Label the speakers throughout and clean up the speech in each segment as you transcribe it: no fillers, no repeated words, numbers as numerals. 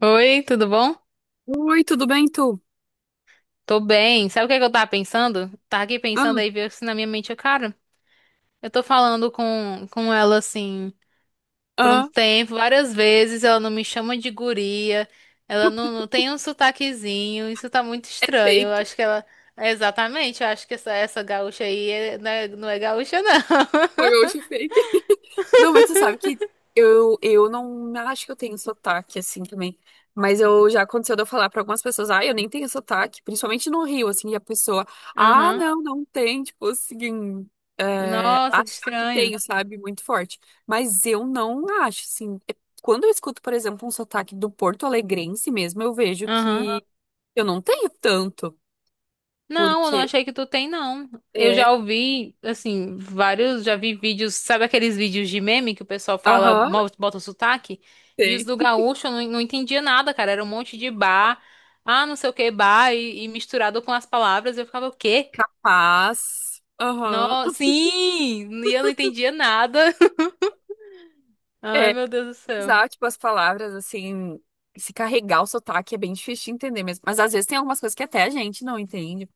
Speaker 1: Oi, tudo bom?
Speaker 2: Oi, tudo bem, tu?
Speaker 1: Tô bem. Sabe o que é que eu tava pensando? Tava aqui
Speaker 2: Ah,
Speaker 1: pensando aí, veio assim na minha mente, eu, cara, eu tô falando com ela assim por um
Speaker 2: ah,
Speaker 1: tempo, várias vezes, ela não me chama de guria, ela não tem um sotaquezinho, isso tá muito
Speaker 2: é
Speaker 1: estranho. Eu
Speaker 2: fake.
Speaker 1: acho que ela. Exatamente, eu acho que essa gaúcha aí não é gaúcha, não.
Speaker 2: Foi meu último fake. Não, mas você sabe que eu não acho que eu tenho sotaque assim também. Mas eu já aconteceu de eu falar pra algumas pessoas, ah, eu nem tenho sotaque, principalmente no Rio, assim, e a pessoa, ah,
Speaker 1: Aham.
Speaker 2: não, não tem, tipo assim,
Speaker 1: Nossa, que
Speaker 2: achar que
Speaker 1: estranho.
Speaker 2: tenho, sabe, muito forte. Mas eu não acho, assim. Quando eu escuto, por exemplo, um sotaque do Porto Alegrense mesmo, eu vejo que
Speaker 1: Aham.
Speaker 2: eu não tenho tanto,
Speaker 1: Não, eu não
Speaker 2: porque
Speaker 1: achei que tu tem, não. Eu já
Speaker 2: é.
Speaker 1: ouvi, assim, vários, já vi vídeos, sabe aqueles vídeos de meme que o pessoal fala,
Speaker 2: Aham.
Speaker 1: bota o sotaque? E os
Speaker 2: Tem.
Speaker 1: do gaúcho eu não entendia nada, cara. Era um monte de bar, não sei o que, bar, e misturado com as palavras, eu ficava, o quê?
Speaker 2: Capaz. Aham.
Speaker 1: No, sim! E eu não entendia nada. Ai,
Speaker 2: É,
Speaker 1: meu Deus do céu.
Speaker 2: usar, tipo, as palavras, assim, se carregar o sotaque é bem difícil de entender mesmo. Mas às vezes tem algumas coisas que até a gente não entende.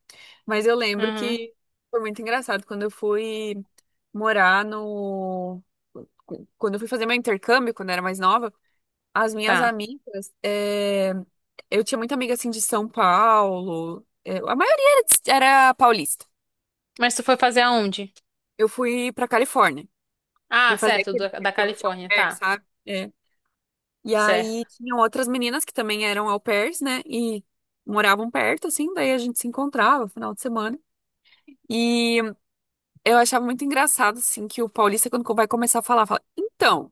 Speaker 2: Mas eu lembro
Speaker 1: Uhum,
Speaker 2: que foi muito engraçado quando eu fui morar no. Quando eu fui fazer meu intercâmbio, quando eu era mais nova, as minhas
Speaker 1: tá.
Speaker 2: amigas. Eu tinha muita amiga, assim, de São Paulo. A maioria era paulista.
Speaker 1: Mas tu foi fazer aonde?
Speaker 2: Eu fui pra Califórnia. Fui
Speaker 1: Ah,
Speaker 2: fazer
Speaker 1: certo,
Speaker 2: aquele
Speaker 1: da
Speaker 2: intercâmbio de
Speaker 1: Califórnia,
Speaker 2: albergue,
Speaker 1: tá.
Speaker 2: sabe? E
Speaker 1: Certo.
Speaker 2: aí tinham outras meninas que também eram au pairs, né? E moravam perto, assim, daí a gente se encontrava no final de semana. E eu achava muito engraçado, assim, que o paulista, quando vai começar a falar, fala, então,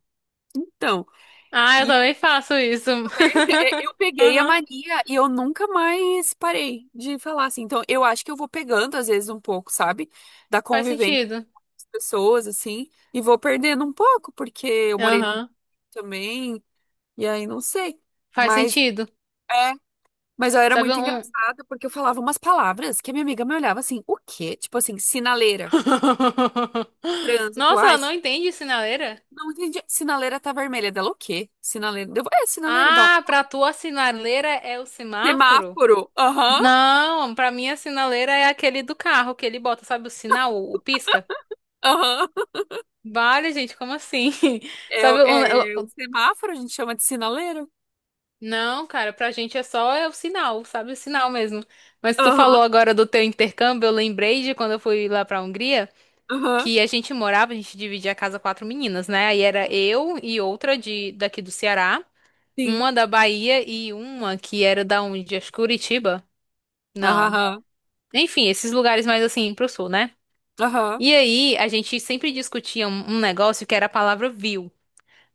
Speaker 2: então.
Speaker 1: Ah, eu
Speaker 2: E
Speaker 1: também faço isso.
Speaker 2: também eu peguei a
Speaker 1: Aham.
Speaker 2: mania e eu nunca mais parei de falar, assim. Então, eu acho que eu vou pegando, às vezes, um pouco, sabe? Da
Speaker 1: Faz
Speaker 2: convivência com
Speaker 1: sentido.
Speaker 2: as pessoas, assim, e vou perdendo um pouco, porque eu morei no Rio
Speaker 1: Aham.
Speaker 2: também, e aí não sei.
Speaker 1: Faz
Speaker 2: Mas.
Speaker 1: sentido.
Speaker 2: é Mas eu era
Speaker 1: Sabe
Speaker 2: muito
Speaker 1: um.
Speaker 2: engraçada porque eu falava umas palavras que a minha amiga me olhava assim, o quê? Tipo assim, sinaleira, no trânsito,
Speaker 1: Nossa,
Speaker 2: ai,
Speaker 1: ela não entende sinaleira?
Speaker 2: não entendi. Sinaleira tá vermelha dela, o quê? Sinaleira, eu, é, sinaleira dela.
Speaker 1: Ah, pra tua sinaleira é o semáforo?
Speaker 2: Semáforo, aham,
Speaker 1: Não, pra mim a sinaleira é aquele do carro que ele bota, sabe o sinal, o pisca?
Speaker 2: aham.
Speaker 1: Vale, gente, como assim?
Speaker 2: É,
Speaker 1: Sabe um- o-
Speaker 2: o
Speaker 1: o-
Speaker 2: semáforo a gente chama de sinaleira.
Speaker 1: Não, cara, pra gente é só é o sinal, sabe o sinal mesmo. Mas tu
Speaker 2: Aham,
Speaker 1: falou agora do teu intercâmbio, eu lembrei de quando eu fui lá pra Hungria,
Speaker 2: aham,
Speaker 1: que a gente morava, a gente dividia a casa quatro meninas, né? Aí era eu e outra de daqui do Ceará,
Speaker 2: sim,
Speaker 1: uma da Bahia e uma que era da onde? Acho que Curitiba? Não.
Speaker 2: aham,
Speaker 1: Enfim, esses lugares mais assim pro sul, né?
Speaker 2: aham.
Speaker 1: E aí a gente sempre discutia um negócio que era a palavra viu.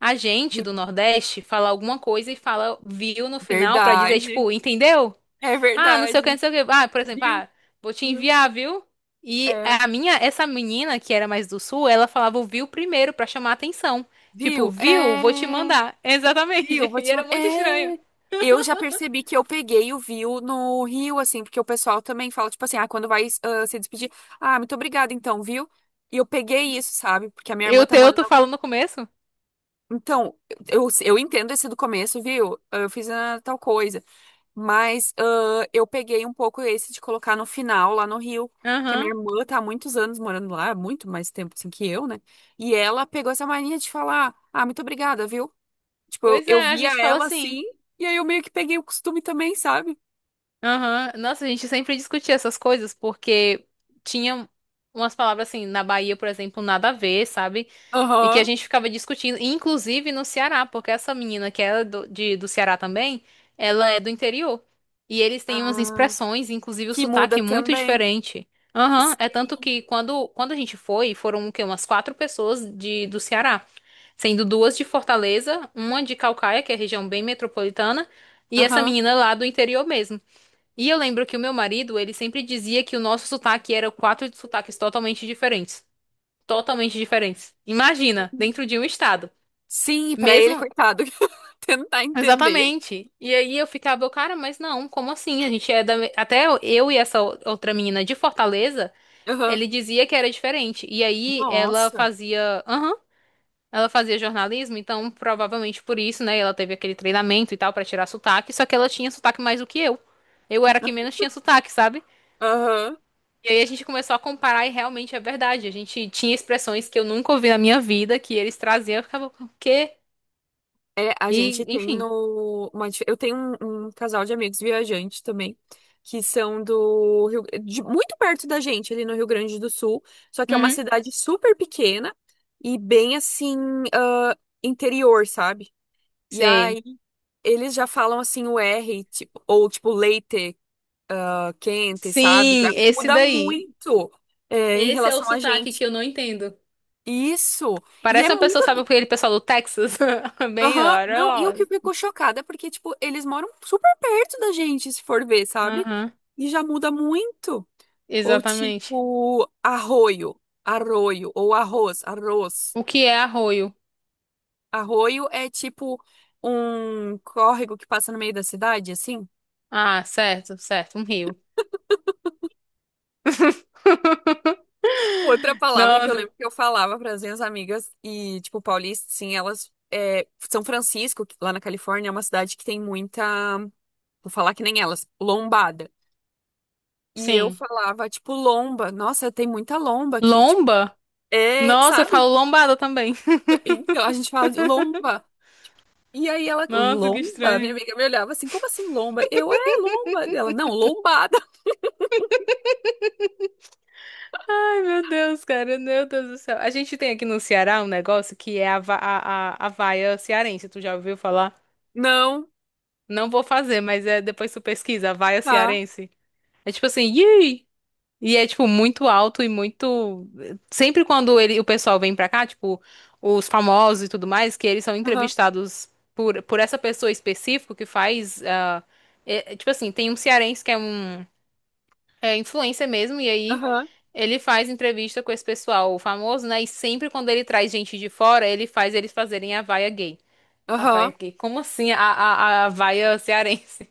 Speaker 1: A gente do
Speaker 2: Viu?
Speaker 1: Nordeste fala alguma coisa e fala viu no final pra dizer
Speaker 2: Verdade,
Speaker 1: tipo, entendeu?
Speaker 2: é
Speaker 1: Ah, não sei o
Speaker 2: verdade.
Speaker 1: que, não sei o que. Ah, por exemplo,
Speaker 2: Viu,
Speaker 1: ah, vou te
Speaker 2: viu,
Speaker 1: enviar, viu? E
Speaker 2: é,
Speaker 1: essa menina que era mais do sul, ela falava o viu primeiro pra chamar atenção. Tipo,
Speaker 2: viu,
Speaker 1: viu? Vou te
Speaker 2: é.
Speaker 1: mandar.
Speaker 2: Viu?
Speaker 1: Exatamente.
Speaker 2: Vou
Speaker 1: E
Speaker 2: te
Speaker 1: era
Speaker 2: mandar.
Speaker 1: muito estranho.
Speaker 2: Eu já percebi que eu peguei o viu no Rio, assim, porque o pessoal também fala, tipo assim, ah, quando vai ah, se despedir, ah, muito obrigada, então, viu? E eu peguei isso, sabe? Porque a minha
Speaker 1: E
Speaker 2: irmã
Speaker 1: o
Speaker 2: tá
Speaker 1: teu, tu
Speaker 2: morando.
Speaker 1: fala no começo?
Speaker 2: Então, eu entendo esse do começo, viu? "Ah, Eu fiz ah, tal coisa. Mas ah, eu peguei um pouco esse de colocar no final, lá no Rio, que a minha
Speaker 1: Aham.
Speaker 2: irmã tá há muitos anos morando lá, muito mais tempo assim que eu, né? E ela pegou essa mania de falar, ah, muito obrigada, viu? Tipo, eu,
Speaker 1: Pois
Speaker 2: eu
Speaker 1: é, a
Speaker 2: via
Speaker 1: gente fala
Speaker 2: ela
Speaker 1: assim.
Speaker 2: assim, e aí eu meio que peguei o costume também, sabe?
Speaker 1: Aham. Nossa, a gente sempre discutia essas coisas porque tinha umas palavras assim, na Bahia, por exemplo, nada a ver, sabe? E que a
Speaker 2: Aham.
Speaker 1: gente ficava discutindo, inclusive no Ceará, porque essa menina que é do Ceará também, ela é do interior. E eles têm umas
Speaker 2: Ah,
Speaker 1: expressões, inclusive o
Speaker 2: que muda
Speaker 1: sotaque é muito
Speaker 2: também.
Speaker 1: diferente. Aham, é tanto
Speaker 2: Sim.
Speaker 1: que quando a gente foi, foram o quê? Umas quatro pessoas do Ceará, sendo duas de Fortaleza, uma de Calcaia, que é região bem metropolitana, e essa
Speaker 2: Aham.
Speaker 1: menina lá do interior mesmo. E eu lembro que o meu marido, ele sempre dizia que o nosso sotaque era quatro sotaques totalmente diferentes. Totalmente diferentes. Imagina, dentro de um estado.
Speaker 2: Sim, pra ele,
Speaker 1: Mesmo.
Speaker 2: coitado, tentar entender.
Speaker 1: Exatamente. E aí eu ficava, cara, mas não, como assim? A gente é da. Me- Até eu e essa outra menina de Fortaleza,
Speaker 2: Aham.
Speaker 1: ele dizia que era diferente. E aí ela
Speaker 2: Nossa.
Speaker 1: fazia. Aham. Ela fazia jornalismo, então provavelmente por isso, né? Ela teve aquele treinamento e tal pra tirar sotaque, só que ela tinha sotaque mais do que eu. Eu era a que menos tinha sotaque, sabe?
Speaker 2: Aham.
Speaker 1: E aí a gente começou a comparar e realmente é verdade. A gente tinha expressões que eu nunca ouvi na minha vida, que eles traziam, eu ficava, o quê?
Speaker 2: É, a gente
Speaker 1: E,
Speaker 2: tem
Speaker 1: enfim.
Speaker 2: no. uma dif- eu tenho um casal de amigos viajantes também, que são do Rio, muito perto da gente, ali no Rio Grande do Sul. Só que é uma
Speaker 1: Uhum.
Speaker 2: cidade super pequena e bem assim, ah, interior, sabe? E
Speaker 1: Sim.
Speaker 2: aí eles já falam assim o R, tipo, ou tipo leite, quente, sabe? Já
Speaker 1: Sim, esse
Speaker 2: muda
Speaker 1: daí.
Speaker 2: muito em
Speaker 1: Esse é o
Speaker 2: relação a
Speaker 1: sotaque
Speaker 2: gente.
Speaker 1: que eu não entendo.
Speaker 2: Isso. E é
Speaker 1: Parece uma pessoa, sabe,
Speaker 2: muito.
Speaker 1: aquele pessoal do Texas? Bem,
Speaker 2: Aham.
Speaker 1: olha.
Speaker 2: Não, e o que
Speaker 1: Ó.
Speaker 2: ficou chocada é porque, tipo, eles moram super perto da gente, se for ver, sabe?
Speaker 1: Aham,
Speaker 2: E já muda muito. Ou
Speaker 1: exatamente.
Speaker 2: tipo, arroio, arroio, ou arroz, arroz.
Speaker 1: O que é arroio?
Speaker 2: Arroio é tipo um córrego que passa no meio da cidade, assim.
Speaker 1: Ah, certo, certo, um rio.
Speaker 2: Outra palavra que eu
Speaker 1: Nossa,
Speaker 2: lembro que eu falava para as minhas amigas, e, tipo, paulista, sim, elas. São Francisco, que lá na Califórnia, é uma cidade que tem muita. Vou falar que nem elas, lombada. E eu
Speaker 1: sim.
Speaker 2: falava, tipo, lomba. Nossa, tem muita lomba aqui, tipo.
Speaker 1: Lomba?
Speaker 2: É,
Speaker 1: Nossa, eu
Speaker 2: sabe?
Speaker 1: falo lombada também.
Speaker 2: Então a gente fala de lomba. E aí ela,
Speaker 1: Nossa, que
Speaker 2: lomba? Minha
Speaker 1: estranho.
Speaker 2: amiga me olhava assim, como assim lomba? Eu, é lomba. Ela, não, lombada.
Speaker 1: Ai, meu Deus, cara, meu Deus do céu. A gente tem aqui no Ceará um negócio que é a, va- a vaia cearense. Tu já ouviu falar?
Speaker 2: Não,
Speaker 1: Não vou fazer, mas é depois tu pesquisa, a vaia
Speaker 2: tá.
Speaker 1: cearense. É tipo assim, "Yee!" E é tipo muito alto e muito. Sempre quando ele, o pessoal vem pra cá, tipo, os famosos e tudo mais, que eles são
Speaker 2: Aham,
Speaker 1: entrevistados por essa pessoa específica que faz. É tipo assim, tem um cearense que é um. É influência mesmo, e aí
Speaker 2: aham,
Speaker 1: ele faz entrevista com esse pessoal famoso, né? E sempre quando ele traz gente de fora, ele faz eles fazerem a vaia gay. A vaia
Speaker 2: aham.
Speaker 1: gay? Como assim a vaia cearense?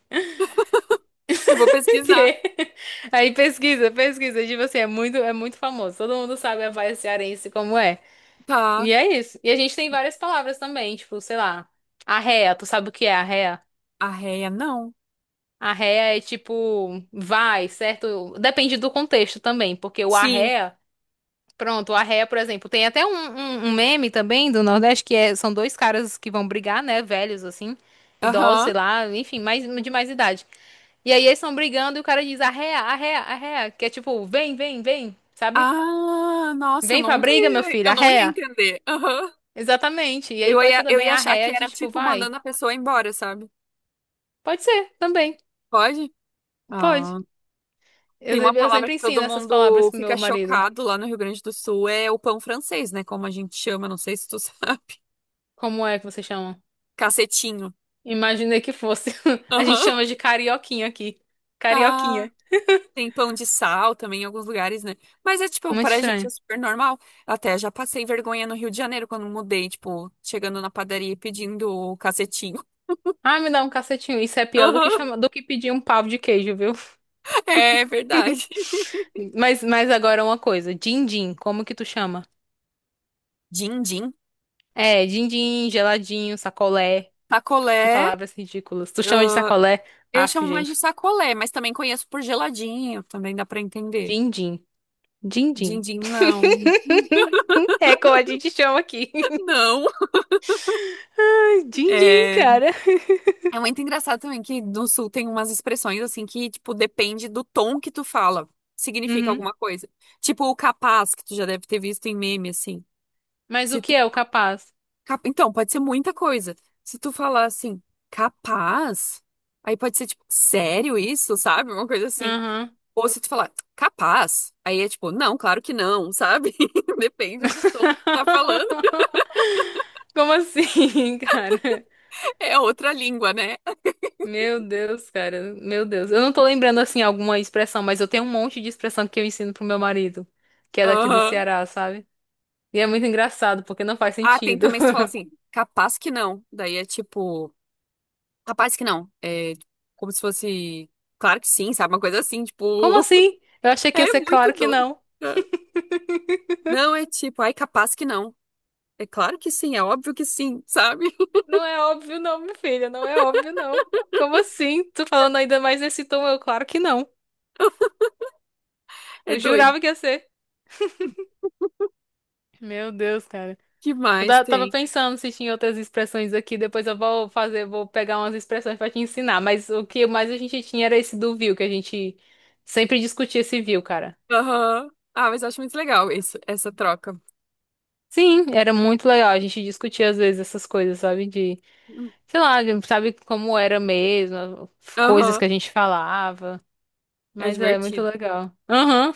Speaker 2: Eu vou pesquisar.
Speaker 1: Que- Aí pesquisa, pesquisa, tipo assim, é muito famoso. Todo mundo sabe a vaia cearense como é.
Speaker 2: Tá.
Speaker 1: E é isso. E a gente tem várias palavras também, tipo, sei lá, arréia, tu sabe o que é arréia?
Speaker 2: Arreia, não.
Speaker 1: Arréia é tipo, vai, certo? Depende do contexto também, porque o
Speaker 2: Sim.
Speaker 1: arréia. Pronto, a ré, por exemplo, tem até um, um meme também do Nordeste que são dois caras que vão brigar, né? Velhos, assim, idosos,
Speaker 2: Aham.
Speaker 1: sei lá, enfim, de mais idade. E aí eles estão brigando e o cara diz arréa, arréa, arréa, que é tipo, vem, vem, vem, sabe?
Speaker 2: Ah, nossa, eu
Speaker 1: Vem pra
Speaker 2: nunca
Speaker 1: briga, meu
Speaker 2: ia,
Speaker 1: filho,
Speaker 2: eu não ia
Speaker 1: arréa.
Speaker 2: entender. Aham.
Speaker 1: Exatamente. E aí
Speaker 2: Eu
Speaker 1: pode ser
Speaker 2: ia, eu
Speaker 1: também
Speaker 2: ia achar que
Speaker 1: arréa de
Speaker 2: era
Speaker 1: tipo,
Speaker 2: tipo
Speaker 1: vai.
Speaker 2: mandando a pessoa embora, sabe?
Speaker 1: Pode ser, também,
Speaker 2: Pode?
Speaker 1: pode.
Speaker 2: Ah,
Speaker 1: Eu,
Speaker 2: tem uma
Speaker 1: se- eu
Speaker 2: palavra
Speaker 1: sempre
Speaker 2: que todo
Speaker 1: ensino essas
Speaker 2: mundo
Speaker 1: palavras pro meu
Speaker 2: fica
Speaker 1: marido.
Speaker 2: chocado lá no Rio Grande do Sul, é o pão francês, né? Como a gente chama, não sei se tu sabe.
Speaker 1: Como é que você chama?
Speaker 2: Cacetinho.
Speaker 1: Imaginei que fosse. A gente
Speaker 2: Aham.
Speaker 1: chama de carioquinha aqui.
Speaker 2: Ah,
Speaker 1: Carioquinha.
Speaker 2: tem pão de sal também em alguns lugares, né? Mas é tipo,
Speaker 1: Muito
Speaker 2: pra gente é
Speaker 1: estranho.
Speaker 2: super normal. Até já passei vergonha no Rio de Janeiro quando mudei, tipo, chegando na padaria e pedindo o cacetinho.
Speaker 1: Ai, me dá um cacetinho. Isso é pior do que
Speaker 2: Aham.
Speaker 1: chama, do que pedir um pau de queijo, viu?
Speaker 2: É verdade.
Speaker 1: Mas agora uma coisa. Din-din, como que tu chama?
Speaker 2: Din-din.
Speaker 1: É, din-din, geladinho, sacolé. Que
Speaker 2: Sacolé,
Speaker 1: palavras ridículas. Tu chama de
Speaker 2: ah,
Speaker 1: sacolé?
Speaker 2: eu
Speaker 1: Aff,
Speaker 2: chamo mais de
Speaker 1: gente.
Speaker 2: sacolé, mas também conheço por geladinho, também dá pra entender.
Speaker 1: Din-din. Din-din.
Speaker 2: Din-din, não.
Speaker 1: É como a gente chama aqui.
Speaker 2: Não.
Speaker 1: Ai, din-din,
Speaker 2: É...
Speaker 1: cara.
Speaker 2: É muito engraçado também que no sul tem umas expressões assim que, tipo, depende do tom que tu fala. Significa
Speaker 1: Uhum.
Speaker 2: alguma coisa. Tipo o capaz, que tu já deve ter visto em meme, assim.
Speaker 1: Mas o
Speaker 2: Se tu...
Speaker 1: que é o capaz?
Speaker 2: cap- Então, pode ser muita coisa. Se tu falar assim, capaz, aí pode ser tipo, sério isso, sabe? Uma coisa assim.
Speaker 1: Aham.
Speaker 2: Ou se tu falar, capaz, aí é tipo, não, claro que não, sabe? Depende do tom que tu tá falando.
Speaker 1: Como assim, cara?
Speaker 2: É outra língua, né?
Speaker 1: Meu Deus, cara. Meu Deus. Eu não tô lembrando assim alguma expressão, mas eu tenho um monte de expressão que eu ensino pro meu marido, que é daqui do
Speaker 2: Aham.
Speaker 1: Ceará, sabe? E é muito engraçado, porque não faz
Speaker 2: Ah, tem
Speaker 1: sentido.
Speaker 2: também se tu falar assim, capaz que não. Daí é tipo, capaz que não. É como se fosse, claro que sim, sabe? Uma coisa assim, tipo,
Speaker 1: Como assim? Eu achei que ia
Speaker 2: é
Speaker 1: ser
Speaker 2: muito
Speaker 1: claro que
Speaker 2: doido.
Speaker 1: não.
Speaker 2: Não, é tipo, ai, capaz que não. É claro que sim, é óbvio que sim, sabe?
Speaker 1: Não é óbvio, não, minha filha. Não é óbvio, não. Como assim? Tu falando ainda mais nesse tom? Eu, claro que não.
Speaker 2: É
Speaker 1: Eu
Speaker 2: doido.
Speaker 1: jurava que ia ser. Meu Deus, cara.
Speaker 2: Que
Speaker 1: Eu
Speaker 2: mais
Speaker 1: da- tava
Speaker 2: tem?
Speaker 1: pensando se tinha outras expressões aqui, depois eu vou fazer, vou pegar umas expressões pra te ensinar, mas o que mais a gente tinha era esse do viu, que a gente sempre discutia esse viu, cara.
Speaker 2: Aham. Ah, mas eu acho muito legal isso, essa troca.
Speaker 1: Sim, era muito legal, a gente discutia às vezes essas coisas, sabe, sei lá, sabe como era mesmo, coisas
Speaker 2: Aham.
Speaker 1: que a gente falava,
Speaker 2: É
Speaker 1: mas é muito
Speaker 2: divertido.
Speaker 1: legal. Aham.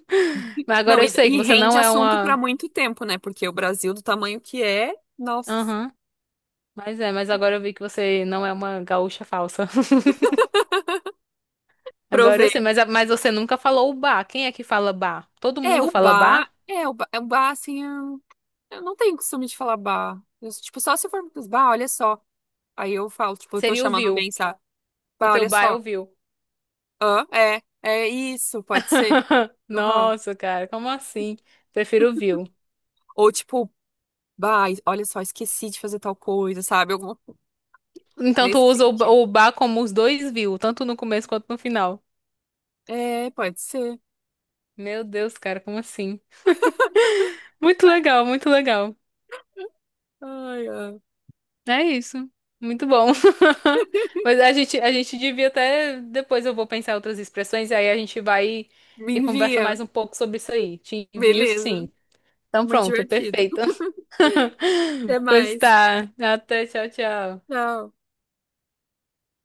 Speaker 1: Mas
Speaker 2: Não,
Speaker 1: agora eu
Speaker 2: e,
Speaker 1: sei que
Speaker 2: e
Speaker 1: você
Speaker 2: rende
Speaker 1: não é
Speaker 2: assunto para
Speaker 1: uma,
Speaker 2: muito tempo, né? Porque o Brasil, do tamanho que é, nossa,
Speaker 1: aham, mas é, mas agora eu vi que você não é uma gaúcha falsa. Agora eu
Speaker 2: provei.
Speaker 1: sei, mas, mas você nunca falou o bar. Quem é que fala bar? Todo
Speaker 2: É,
Speaker 1: mundo
Speaker 2: o
Speaker 1: fala
Speaker 2: bar,
Speaker 1: bar?
Speaker 2: é, o bar, é, o bar assim, eu não tenho costume de falar bar. Eu, tipo, só se for, bah, olha só. Aí eu falo, tipo, eu tô
Speaker 1: Seria o
Speaker 2: chamando alguém,
Speaker 1: viu.
Speaker 2: sabe?
Speaker 1: O
Speaker 2: Bah,
Speaker 1: teu
Speaker 2: olha
Speaker 1: bar é
Speaker 2: só.
Speaker 1: o viu.
Speaker 2: Hã? É isso, pode ser. Aham.
Speaker 1: Nossa, cara, como assim? Prefiro o viu.
Speaker 2: Ou tipo, bah, olha só, esqueci de fazer tal coisa, sabe? Algum,
Speaker 1: Então tu
Speaker 2: nesse
Speaker 1: usa o, ba-
Speaker 2: sentido.
Speaker 1: o bar como os dois viu, tanto no começo quanto no final.
Speaker 2: É, pode ser.
Speaker 1: Meu Deus, cara, como assim? Muito legal, muito legal.
Speaker 2: Ai, ai.
Speaker 1: É isso. Muito bom. Mas a gente devia até. Depois eu vou pensar em outras expressões, e aí a gente vai e,
Speaker 2: Me
Speaker 1: e conversa
Speaker 2: envia.
Speaker 1: mais um pouco sobre isso aí. Te envio,
Speaker 2: Beleza.
Speaker 1: sim. Então
Speaker 2: Muito
Speaker 1: pronto,
Speaker 2: divertido.
Speaker 1: perfeito.
Speaker 2: Até
Speaker 1: Pois
Speaker 2: mais.
Speaker 1: tá. Até, tchau, tchau.
Speaker 2: Tchau.